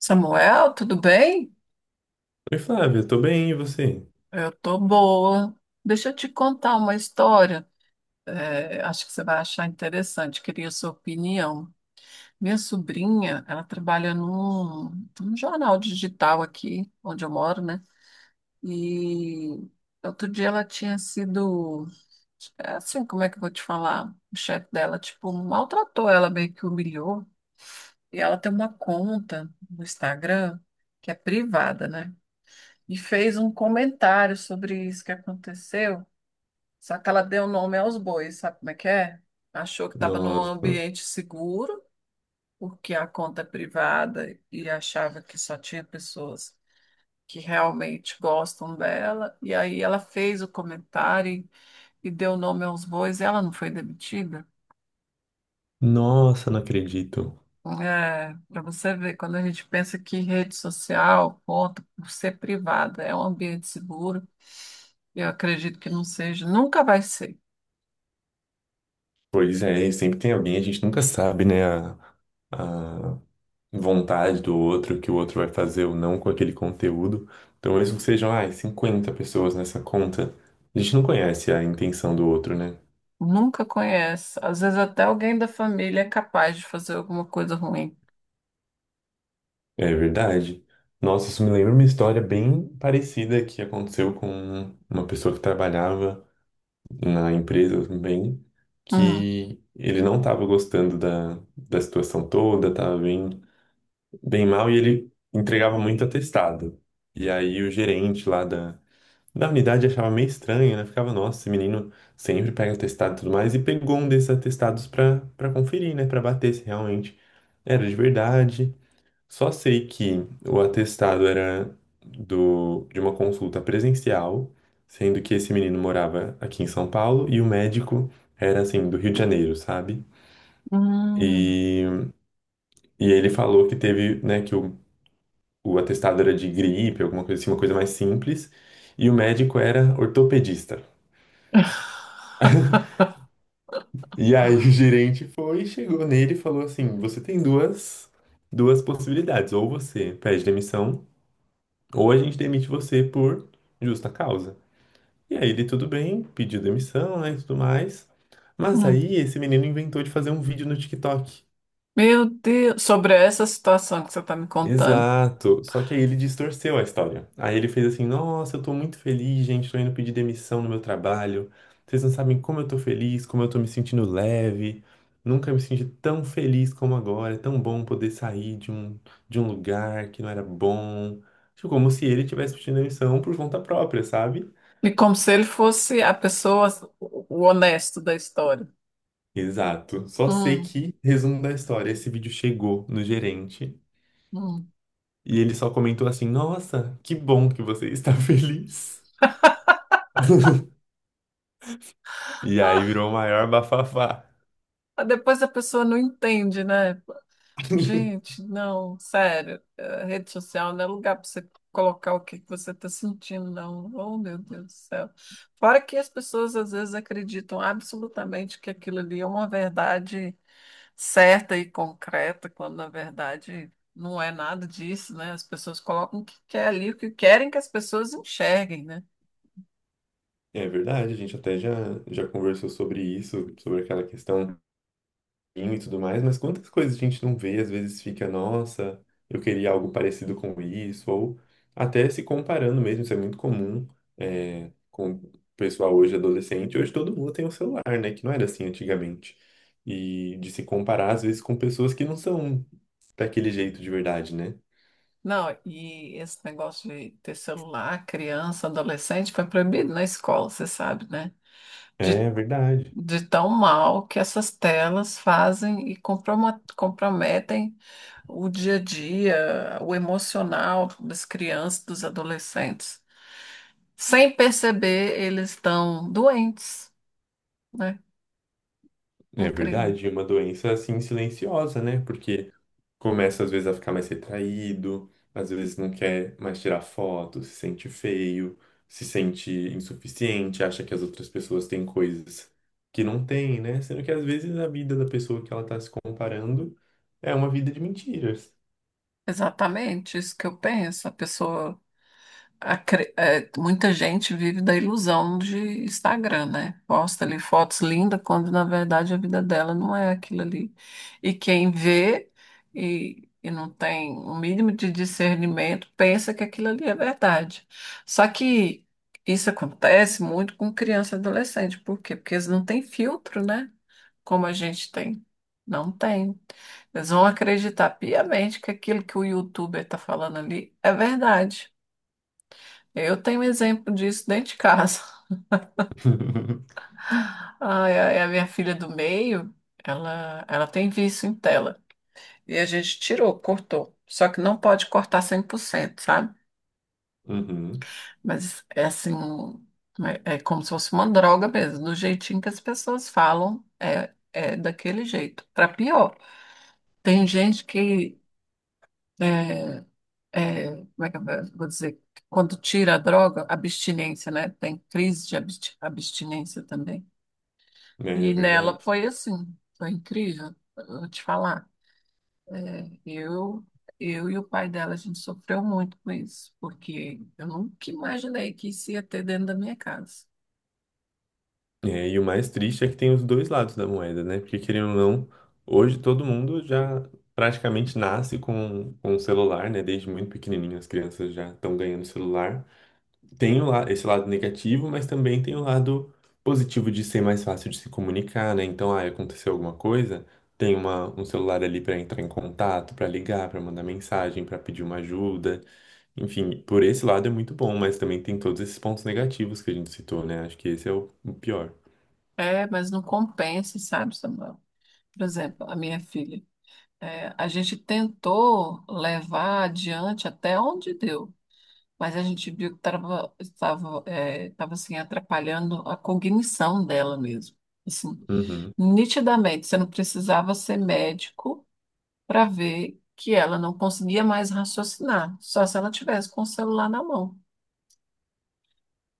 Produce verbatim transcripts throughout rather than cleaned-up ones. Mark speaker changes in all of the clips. Speaker 1: Samuel, tudo bem?
Speaker 2: Oi, Flávia, tô bem, e você?
Speaker 1: Eu tô boa. Deixa eu te contar uma história. É, acho que você vai achar interessante. Queria sua opinião. Minha sobrinha, ela trabalha num, num jornal digital aqui, onde eu moro, né? E outro dia ela tinha sido, é assim, como é que eu vou te falar? O chefe dela, tipo, maltratou ela, meio que humilhou. E ela tem uma conta no Instagram que é privada, né? E fez um comentário sobre isso que aconteceu. Só que ela deu nome aos bois, sabe como é que é? Achou que estava num
Speaker 2: Nossa,
Speaker 1: ambiente seguro, porque a conta é privada e achava que só tinha pessoas que realmente gostam dela. E aí ela fez o comentário e e deu nome aos bois e ela não foi demitida.
Speaker 2: nossa, não acredito.
Speaker 1: É, para você ver, quando a gente pensa que rede social, conta por ser privada, é um ambiente seguro, eu acredito que não seja, nunca vai ser.
Speaker 2: Pois é, e sempre tem alguém, a gente nunca sabe, né, a, a vontade do outro, o que o outro vai fazer ou não com aquele conteúdo. Então, mesmo que sejam, ai, cinquenta pessoas nessa conta, a gente não conhece a intenção do outro, né?
Speaker 1: Nunca conhece. Às vezes até alguém da família é capaz de fazer alguma coisa ruim.
Speaker 2: É verdade. Nossa, isso me lembra uma história bem parecida que aconteceu com uma pessoa que trabalhava na empresa também,
Speaker 1: Hum.
Speaker 2: que ele não estava gostando da, da situação toda, estava bem, bem mal e ele entregava muito atestado. E aí o gerente lá da, da unidade achava meio estranho, né? Ficava, nossa, esse menino sempre pega atestado e tudo mais, e pegou um desses atestados para para conferir, né? Para bater se realmente era de verdade. Só sei que o atestado era do, de uma consulta presencial, sendo que esse menino morava aqui em São Paulo e o médico era assim, do Rio de Janeiro, sabe?
Speaker 1: Hum.
Speaker 2: E, e ele falou que teve, né, que o, o atestado era de gripe, alguma coisa assim, uma coisa mais simples, e o médico era ortopedista. E aí o gerente foi, chegou nele e falou assim: "Você tem duas, duas possibilidades, ou você pede demissão, ou a gente demite você por justa causa." E aí ele, tudo bem, pediu demissão, né, e tudo mais. Mas
Speaker 1: Hum.
Speaker 2: aí esse menino inventou de fazer um vídeo no TikTok.
Speaker 1: Meu Deus, sobre essa situação que você está me contando.
Speaker 2: Exato. Só que aí ele distorceu a história. Aí ele fez assim: "Nossa, eu tô muito feliz, gente, tô indo pedir demissão no meu trabalho. Vocês não sabem como eu tô feliz, como eu tô me sentindo leve. Nunca me senti tão feliz como agora. É tão bom poder sair de um de um lugar que não era bom." Tipo, como se ele tivesse pedindo demissão por conta própria, sabe?
Speaker 1: E como se ele fosse a pessoa, o honesto da história.
Speaker 2: Exato. Só sei
Speaker 1: Hum.
Speaker 2: que, resumo da história, esse vídeo chegou no gerente
Speaker 1: Hum.
Speaker 2: e ele só comentou assim: "Nossa, que bom que você está feliz." E aí
Speaker 1: Ah,
Speaker 2: virou o maior bafafá.
Speaker 1: mas depois a pessoa não entende, né? Gente, não, sério, a rede social não é lugar para você colocar o que que você está sentindo, não. Oh, meu Deus do céu. Fora que as pessoas às vezes acreditam absolutamente que aquilo ali é uma verdade certa e concreta, quando na verdade não é nada disso, né? As pessoas colocam o que quer ali, o que querem que as pessoas enxerguem, né?
Speaker 2: É verdade, a gente até já, já conversou sobre isso, sobre aquela questão e tudo mais, mas quantas coisas a gente não vê, às vezes fica, nossa, eu queria algo parecido com isso, ou até se comparando mesmo, isso é muito comum, é, com o pessoal hoje adolescente. Hoje todo mundo tem um celular, né? Que não era assim antigamente. E de se comparar, às vezes, com pessoas que não são daquele jeito de verdade, né?
Speaker 1: Não, e esse negócio de ter celular, criança, adolescente, foi proibido na escola, você sabe, né? De
Speaker 2: É verdade.
Speaker 1: de tão mal que essas telas fazem e comproma- comprometem o dia a dia, o emocional das crianças, dos adolescentes. Sem perceber, eles estão doentes, né?
Speaker 2: É
Speaker 1: Incrível.
Speaker 2: verdade, é uma doença assim silenciosa, né? Porque começa às vezes a ficar mais retraído, às vezes não quer mais tirar foto, se sente feio, se sente insuficiente, acha que as outras pessoas têm coisas que não têm, né? Sendo que às vezes a vida da pessoa que ela tá se comparando é uma vida de mentiras.
Speaker 1: Exatamente isso que eu penso. A pessoa acre- é, muita gente vive da ilusão de Instagram, né? Posta ali fotos lindas, quando na verdade a vida dela não é aquilo ali. E quem vê e, e não tem o mínimo de discernimento pensa que aquilo ali é verdade. Só que isso acontece muito com criança e adolescente. Por quê? Porque eles não têm filtro, né? Como a gente tem. Não tem. Eles vão acreditar piamente que aquilo que o YouTuber está falando ali é verdade. Eu tenho um exemplo disso dentro de casa. Ai, ai, a minha filha do meio, ela, ela tem vício em tela. E a gente tirou, cortou. Só que não pode cortar cem por cento, sabe?
Speaker 2: Uhum,
Speaker 1: Mas é assim, é, é como se fosse uma droga mesmo. Do jeitinho que as pessoas falam, é, é daquele jeito. Para pior, tem gente que, é, é, como é que eu vou dizer? Quando tira a droga, abstinência, né? Tem crise de absti- abstinência também.
Speaker 2: é
Speaker 1: E
Speaker 2: verdade.
Speaker 1: nela foi assim, foi incrível, eu vou te falar. É, eu, eu e o pai dela, a gente sofreu muito com isso, porque eu nunca imaginei que isso ia ter dentro da minha casa.
Speaker 2: É, e o mais triste é que tem os dois lados da moeda, né? Porque, querendo ou não, hoje todo mundo já praticamente nasce com, com um celular, né? Desde muito pequenininho as crianças já estão ganhando celular. Tem o la- esse lado negativo, mas também tem o lado positivo de ser mais fácil de se comunicar, né? Então, ah, aconteceu alguma coisa, tem uma, um celular ali para entrar em contato, para ligar, para mandar mensagem, para pedir uma ajuda. Enfim, por esse lado é muito bom, mas também tem todos esses pontos negativos que a gente citou, né? Acho que esse é o o pior.
Speaker 1: É, mas não compensa, sabe, Samuel? Por exemplo, a minha filha, é, a gente tentou levar adiante até onde deu, mas a gente viu que estava, estava, é, estava assim, atrapalhando a cognição dela mesmo. Assim,
Speaker 2: Uhum,
Speaker 1: nitidamente, você não precisava ser médico para ver que ela não conseguia mais raciocinar, só se ela tivesse com o celular na mão.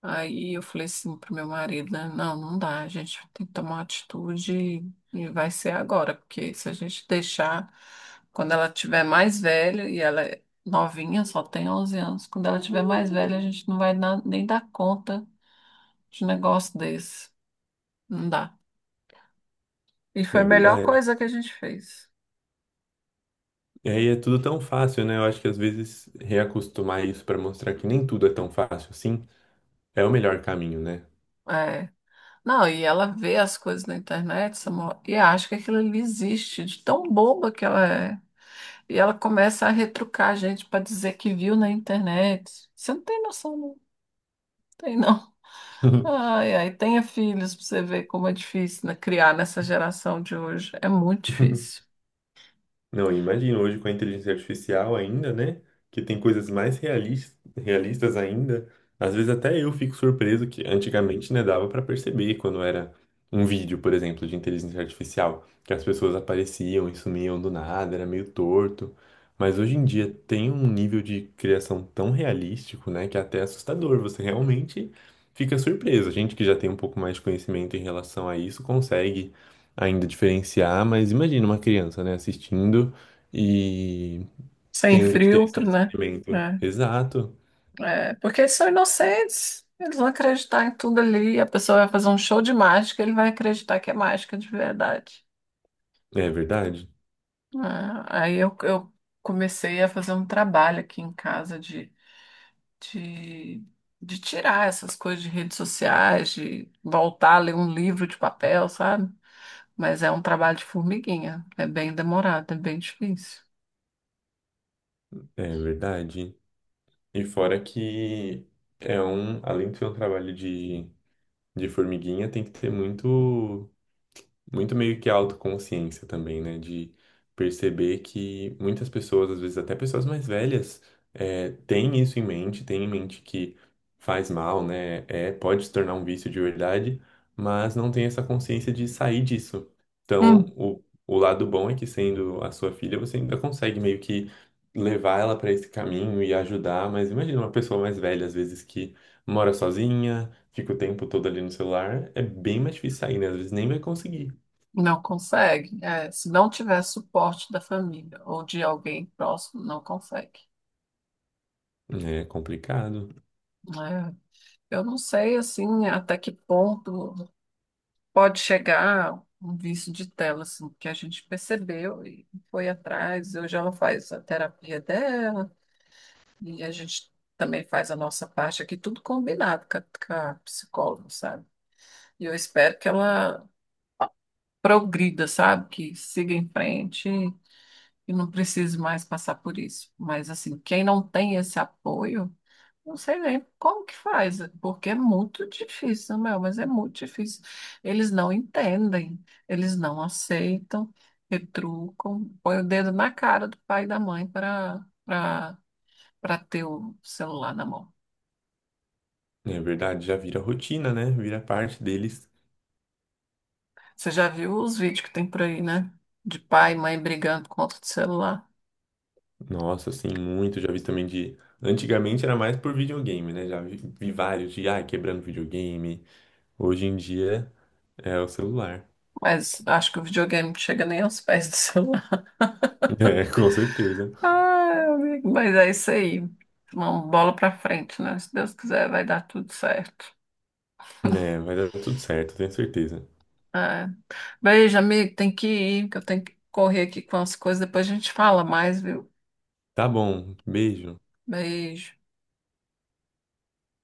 Speaker 1: Aí eu falei assim pro meu marido, né? Não, não dá, a gente tem que tomar uma atitude e vai ser agora, porque se a gente deixar, quando ela tiver mais velha, e ela é novinha, só tem onze anos, quando ela tiver mais velha, a gente não vai na- nem dar conta de um negócio desse. Não dá. E foi a
Speaker 2: é
Speaker 1: melhor
Speaker 2: verdade.
Speaker 1: coisa que a gente fez.
Speaker 2: E aí é tudo tão fácil, né? Eu acho que às vezes reacostumar isso para mostrar que nem tudo é tão fácil assim é o melhor caminho, né?
Speaker 1: É. Não, e ela vê as coisas na internet, Samuel, e acha que aquilo ali existe, de tão boba que ela é. E ela começa a retrucar a gente para dizer que viu na internet. Você não tem noção, não tem, não. Ai, ai, tenha filhos para você ver como é difícil, né, criar nessa geração de hoje. É muito difícil.
Speaker 2: Não, imagino hoje com a inteligência artificial ainda, né? Que tem coisas mais realis- realistas ainda. Às vezes até eu fico surpreso que antigamente, né, dava pra perceber quando era um vídeo, por exemplo, de inteligência artificial, que as pessoas apareciam e sumiam do nada, era meio torto. Mas hoje em dia tem um nível de criação tão realístico, né, que é até assustador. Você realmente fica surpreso. A gente que já tem um pouco mais de conhecimento em relação a isso consegue ainda diferenciar, mas imagina uma criança, né, assistindo e
Speaker 1: Sem
Speaker 2: tendo que ter esse
Speaker 1: filtro, né?
Speaker 2: discernimento.
Speaker 1: É,
Speaker 2: Exato.
Speaker 1: é, porque eles são inocentes. Eles vão acreditar em tudo ali. A pessoa vai fazer um show de mágica, ele vai acreditar que é mágica de verdade.
Speaker 2: É verdade.
Speaker 1: Ah, aí eu, eu comecei a fazer um trabalho aqui em casa de, de, de tirar essas coisas de redes sociais, de voltar a ler um livro de papel, sabe? Mas é um trabalho de formiguinha, é bem demorado, é bem difícil.
Speaker 2: É verdade. E fora que é um, além de ser um trabalho de, de formiguinha, tem que ter muito muito meio que autoconsciência também, né? De perceber que muitas pessoas, às vezes até pessoas mais velhas, é, têm isso em mente, têm em mente que faz mal, né? É, pode se tornar um vício de verdade, mas não tem essa consciência de sair disso. Então,
Speaker 1: Hum.
Speaker 2: o, o lado bom é que sendo a sua filha, você ainda consegue meio que levar ela para esse caminho e ajudar, mas imagina uma pessoa mais velha, às vezes que mora sozinha, fica o tempo todo ali no celular, é bem mais difícil sair, né? Às vezes nem vai conseguir.
Speaker 1: Não consegue. É, se não tiver suporte da família ou de alguém próximo, não consegue.
Speaker 2: É complicado.
Speaker 1: É, eu não sei assim até que ponto pode chegar um vício de tela, assim, que a gente percebeu e foi atrás. Hoje ela faz a terapia dela e a gente também faz a nossa parte aqui, tudo combinado com a, com a psicóloga, sabe? E eu espero que ela progrida, sabe? Que siga em frente e não precise mais passar por isso. Mas, assim, quem não tem esse apoio. Não sei nem como que faz, porque é muito difícil, meu, mas é muito difícil. Eles não entendem, eles não aceitam, retrucam, põe o dedo na cara do pai e da mãe para para para ter o celular na mão.
Speaker 2: Né, é verdade, já vira rotina, né? Vira parte deles.
Speaker 1: Você já viu os vídeos que tem por aí, né? De pai e mãe brigando por conta do celular.
Speaker 2: Nossa, assim, muito. Já vi também de. Antigamente era mais por videogame, né? Já vi, vi vários de, ah, quebrando videogame. Hoje em dia é o celular.
Speaker 1: Mas acho que o videogame não chega nem aos pés do celular.
Speaker 2: É, com certeza.
Speaker 1: Ah, amigo, mas é isso aí. Uma bola para frente, né? Se Deus quiser, vai dar tudo certo.
Speaker 2: É, vai dar tudo certo, tenho certeza.
Speaker 1: É. Beijo, amigo. Tem que ir, que eu tenho que correr aqui com as coisas. Depois a gente fala mais, viu?
Speaker 2: Tá bom, beijo.
Speaker 1: Beijo.